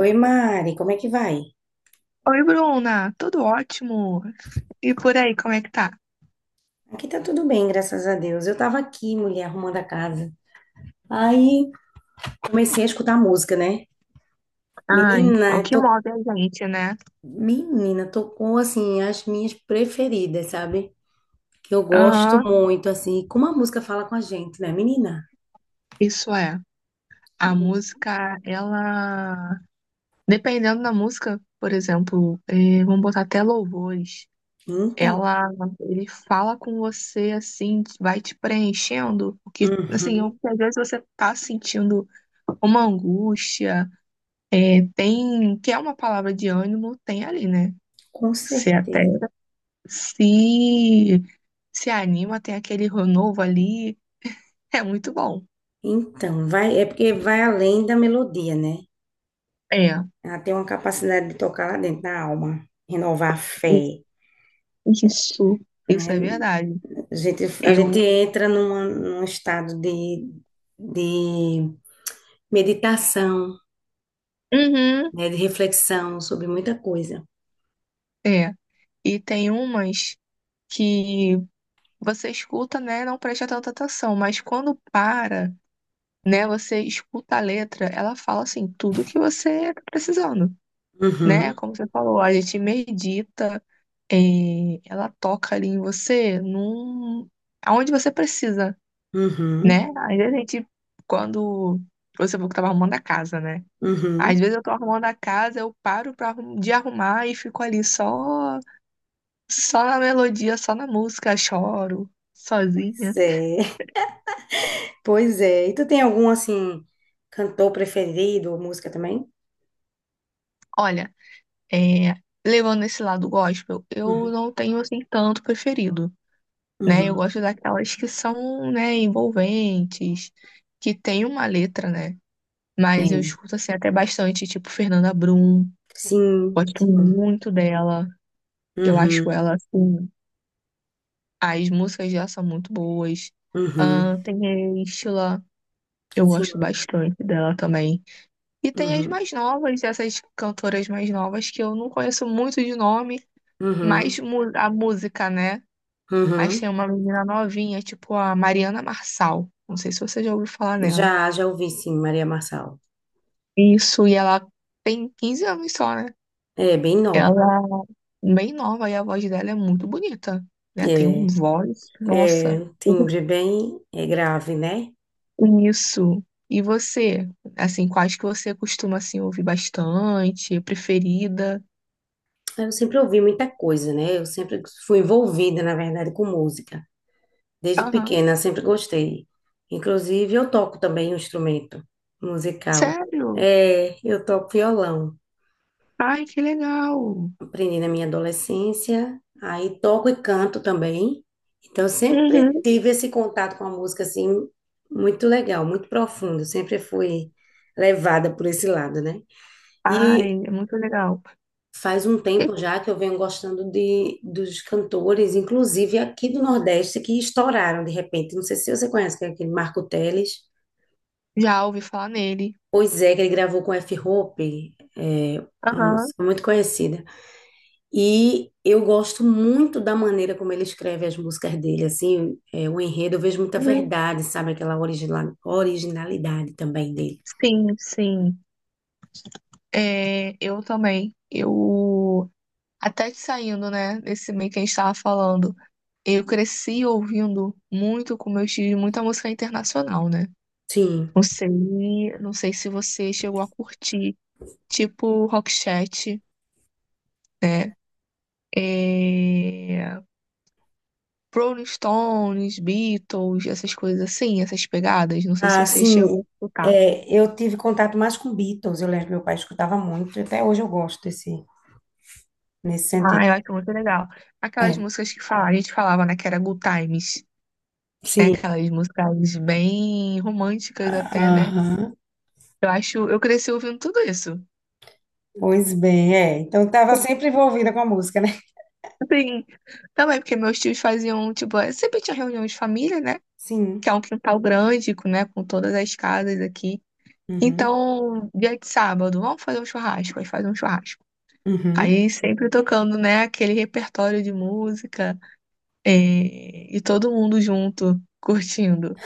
Oi, Mari, como é que vai? Oi, Bruna, tudo ótimo? E por aí, como é que tá? Aqui tá tudo bem, graças a Deus. Eu tava aqui, mulher, arrumando a casa. Aí comecei a escutar música, né? Ai, Menina, o que to... move a gente, né? Menina, tocou assim as minhas preferidas, sabe? Que eu gosto Aham, muito, assim, como a música fala com a gente, né, menina? isso é. A música, ela. Dependendo da música, por exemplo, vamos botar até louvores. Então, Ela, ele fala com você assim, vai te preenchendo, porque assim, uhum, às vezes você tá sentindo uma angústia, é, tem, que é uma palavra de ânimo, tem ali, né? com Se até certeza. se se anima, tem aquele novo ali. É muito bom. Então, vai, é porque vai além da melodia, né? É, Ela tem uma capacidade de tocar lá dentro da alma, renovar a fé. isso, isso é né? verdade. A gente, a Eu, gente entra num estado de meditação, uhum, né? De reflexão sobre muita coisa. é. E tem umas que você escuta, né, não presta tanta atenção, mas quando para, né, você escuta a letra, ela fala assim, tudo que você tá precisando, né? Uhum, Como você falou, a gente medita, é, ela toca ali em você, num, aonde você precisa, uhum, né? Às vezes a gente, quando você falou que tava arrumando a casa, né? uhum. Às vezes eu tô arrumando a casa, eu paro pra, de arrumar e fico ali só, só na melodia, só na música, choro, Pois sozinha. é, pois é. E tu tem algum, assim, cantor preferido ou música também? Olha, é, levando esse lado gospel, eu Uhum, não tenho assim tanto preferido, né? Eu uhum. gosto daquelas que são, né, envolventes, que tem uma letra, né? Mas eu É. escuto assim até bastante, tipo Fernanda Brum, Sim, gosto sim. muito dela. Eu Uhum, acho ela assim. As músicas dela são muito boas. uhum. Ah, tem a Estila, eu Sim, gosto bastante dela também. E tem as uhum, mais novas, essas cantoras mais novas que eu não conheço muito de nome, mas uhum, a música, né? Mas uhum. tem uma menina novinha, tipo a Mariana Marçal. Não sei se você já ouviu falar nela. Já, já ouvi, sim, Maria Marçal. Isso, e ela tem 15 anos só, né? É, bem nova. Ela é bem nova e a voz dela é muito bonita, né? Tem um É. voz, É, nossa. timbre bem é grave, né? Isso. E você? Assim, quais que você costuma assim ouvir bastante, preferida? Eu sempre ouvi muita coisa, né? Eu sempre fui envolvida, na verdade, com música. Desde Aham. pequena, sempre gostei. Inclusive, eu toco também um instrumento musical. Sério? É, eu toco violão. Ai, que legal. Aprendi na minha adolescência, aí toco e canto também. Então, eu sempre Uhum. tive esse contato com a música, assim, muito legal, muito profundo. Eu sempre fui levada por esse lado, né? E Ai, é muito legal. faz um tempo já que eu venho gostando dos cantores, inclusive aqui do Nordeste, que estouraram de repente. Não sei se você conhece, que é aquele Marco Teles. Já ouvi falar nele. Pois é, que ele gravou com F. Hope, é uma Aham. música muito conhecida. E eu gosto muito da maneira como ele escreve as músicas dele, assim, é, o enredo, eu vejo muita Uhum. verdade, sabe? Aquela originalidade também dele. Sim, sim. É, eu também. Eu até que saindo, né, desse meio que a gente estava falando, eu cresci ouvindo muito com meus tios, muita música internacional, né? Sim. Não sei, não sei se você chegou a curtir tipo Rockchat, né? É... Rolling Stones, Beatles, essas coisas assim, essas pegadas. Não sei se Ah, você chegou sim, a escutar. é, eu tive contato mais com Beatles, eu lembro que meu pai escutava muito, até hoje eu gosto desse, nesse sentido. Ah, eu acho muito legal. Aquelas É, músicas que fala, a gente falava, né, que era Good Times, né? sim, Aquelas músicas bem românticas até, né? aham, Eu acho, eu cresci ouvindo tudo isso. pois bem, é. Então estava sempre envolvida com a música, né? Assim, também porque meus tios faziam, tipo, sempre tinha reunião de família, né? Que Sim. é um quintal grande, com, né? Com todas as casas aqui. Uhum. Então, dia de sábado, vamos fazer um churrasco, aí faz um churrasco. Uhum. Aí sempre tocando, né, aquele repertório de música, e todo mundo junto, curtindo.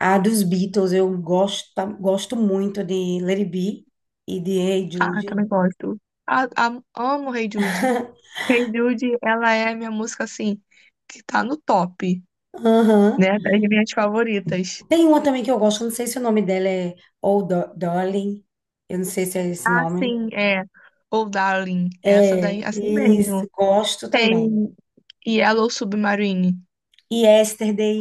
A dos Beatles, eu gosto, gosto muito de Let It Be e de Hey Ah, Jude. também gosto. Ah, amo Hey Jude. Hey Jude, ela é a minha música, assim, que tá no top, Aham. né, das minhas favoritas. Tem uma também que eu gosto, eu não sei se o nome dela é Oh Darling, eu não sei se é esse Ah, nome. sim, é. Ou Darling, essa daí, É, assim isso, mesmo. gosto Tem também. Yellow Submarine. E Yesterday,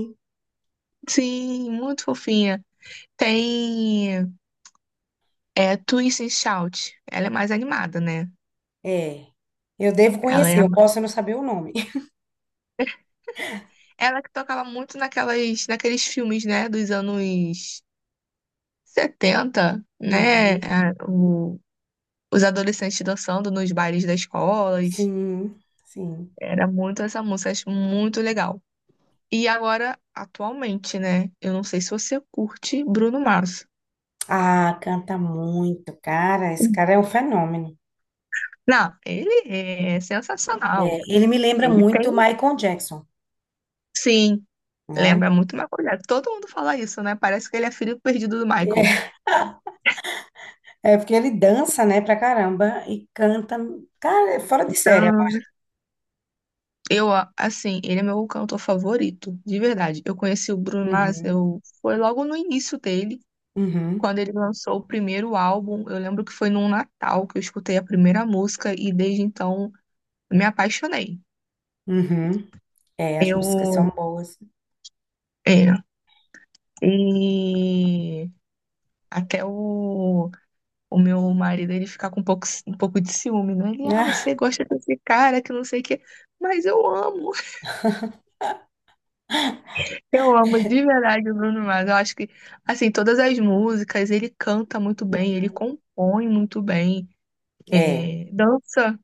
Sim, muito fofinha. Tem. É Twist and Shout. Ela é mais animada, né? é. Eu devo Ela é conhecer, a eu mais... posso não saber o nome. Ela que tocava muito naqueles filmes, né, dos anos 70, né? Os adolescentes dançando nos bailes das escolas. Sim, sim. Era muito essa música, acho muito legal. E agora, atualmente, né? Eu não sei se você curte Bruno Mars. Ah, canta muito, cara. Esse cara é um fenômeno. Não, ele é sensacional. É, ele me lembra Ele muito tem, Michael Jackson, sim, né? lembra muito uma coisa. Todo mundo fala isso, né? Parece que ele é filho perdido do Michael. É, é porque ele dança, né, pra caramba e canta, cara, é fora de série. Então, Eu, assim, ele é meu cantor favorito, de verdade. Eu conheci o Bruno Mars, Uhum, eu foi logo no início dele, uhum, quando ele lançou o primeiro álbum. Eu lembro que foi num Natal que eu escutei a primeira música e desde então me apaixonei. uhum. É, as músicas são Eu, boas. é, e até o meu marido, ele fica com um pouco de ciúme, né? Ele, ah, Ah, você gosta desse cara que não sei o quê, mas eu amo. Eu amo de verdade o Bruno Mars. Eu acho que, assim, todas as músicas, ele canta muito bem, ele compõe muito bem, é, é, dança,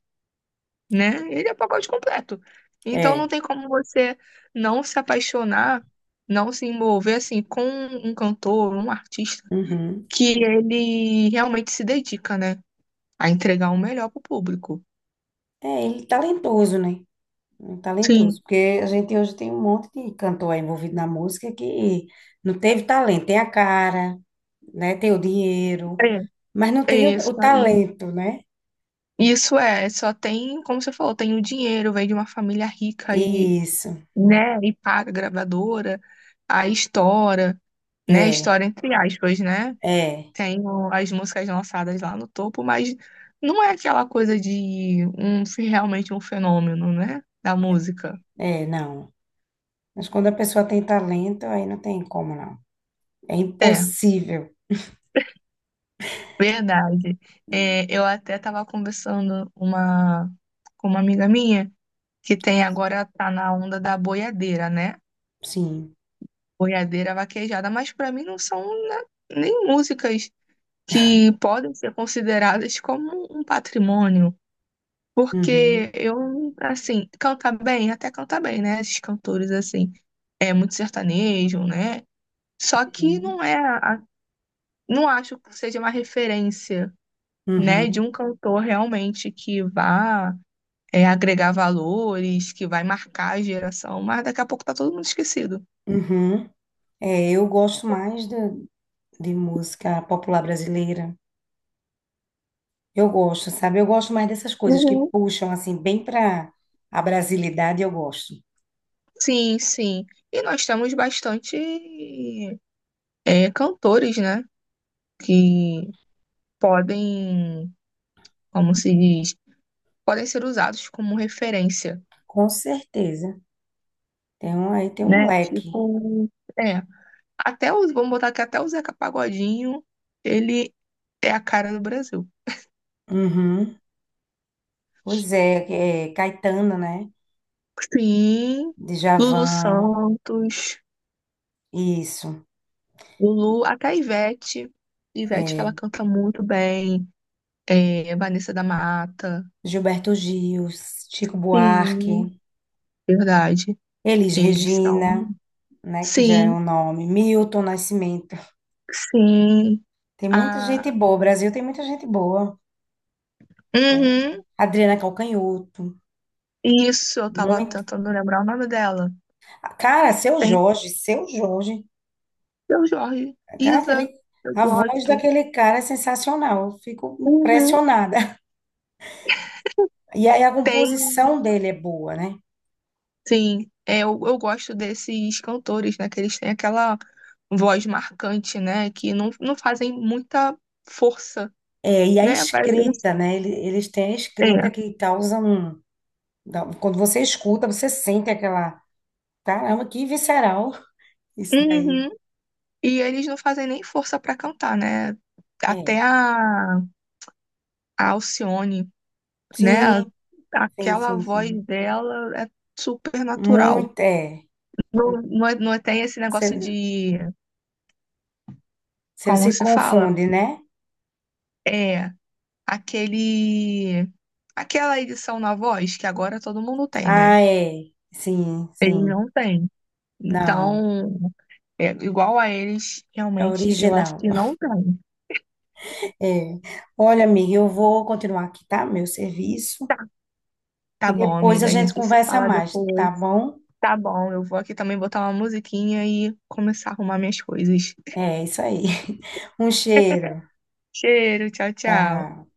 né? Ele é pacote completo. Então não é. tem como você não se apaixonar, não se envolver, assim, com um cantor, um artista, Uhum. que ele realmente se dedica, né? A entregar o melhor pro público. É, ele é talentoso, né? Ele Sim, talentoso, porque a gente hoje tem um monte de cantor aí envolvido na música que não teve talento, tem a cara, né? Tem o dinheiro, é, mas não é tem o, isso o aí. talento, né? Isso é, só tem, como você falou, tem o dinheiro, vem de uma família rica e Isso, né? E paga a gravadora, aí estoura, né? é, Estoura entre aspas, né? é, As músicas lançadas lá no topo, mas não é aquela coisa de um realmente um fenômeno, né? Da música. é, não. Mas quando a pessoa tem talento, aí não tem como, não. É É, impossível, verdade. É, eu até estava conversando uma, com uma amiga minha que tem agora tá na onda da boiadeira, né? sim. Boiadeira vaquejada, mas para mim não são né, nem músicas que podem ser consideradas como um patrimônio, porque Uhum, eu, assim, cantar bem, até cantar bem, né? Esses cantores, assim, é muito sertanejo, né? Só que uhum, não é, a- não acho que seja uma referência, né, de uhum, um cantor realmente que vá é, agregar valores, que vai marcar a geração, mas daqui a pouco tá todo mundo esquecido. uhum. É, eu gosto mais de música popular brasileira. Eu gosto, sabe? Eu gosto mais dessas coisas que Uhum. puxam, assim, bem para a brasilidade, eu gosto. Sim, sim. E nós temos bastante é, cantores, né? Que podem, como se diz, podem ser usados como referência, Com certeza. Tem um, aí tem um né? leque. Tipo, é, até os, vamos botar aqui, até o Zeca Pagodinho, ele é a cara do Brasil. Uhum. Pois é, é Caetano, né? Sim, Lulu Djavan, Santos, isso. Lulu, até a Ivete. Ivete, É, ela canta muito bem. É, Vanessa da Mata. Gilberto Gil, Chico Buarque, Sim, verdade. Elis Eles são. Regina, né? Que já é o Sim, nome. Milton Nascimento. sim. Tem muita gente Ah, boa. O Brasil tem muita gente boa. uhum. Adriana Calcanhoto. Isso, eu tava Muito. tentando lembrar o nome dela. Cara, Seu Tem Jorge, Seu Jorge. seu Jorge, Cara, aquele, Isa, eu a voz gosto. daquele cara é sensacional. Eu fico Uhum. impressionada. E aí a Tem, composição dele é boa, né? sim, é, eu gosto desses cantores, né? Que eles têm aquela voz marcante, né? Que não, não fazem muita força, É, e a né? Mas eles- escrita, né? Eles têm a É. escrita que causa um. Quando você escuta, você sente aquela. Caramba, que visceral isso daí. Uhum. E eles não fazem nem força pra cantar, né? Até É. A Alcione, né? Sim, sim, Aquela sim, voz sim. dela é super natural. Muito, é. Não, não, é- não é tem esse negócio Você de, você como se se fala? confunde, né? É aquele, aquela edição na voz que agora todo mundo tem, né? Ah, é. Sim, Eles sim. não têm. Não, Então, é, igual a eles, é realmente, eu acho original. que não tem. É. Olha, amiga, eu vou continuar aqui, tá? Meu serviço. Tá E bom, depois a amiga, a gente gente se conversa fala mais, tá depois. bom? Tá bom, eu vou aqui também botar uma musiquinha e começar a arrumar minhas coisas. É isso aí. Um cheiro. Cheiro, tchau, tchau. Tchau.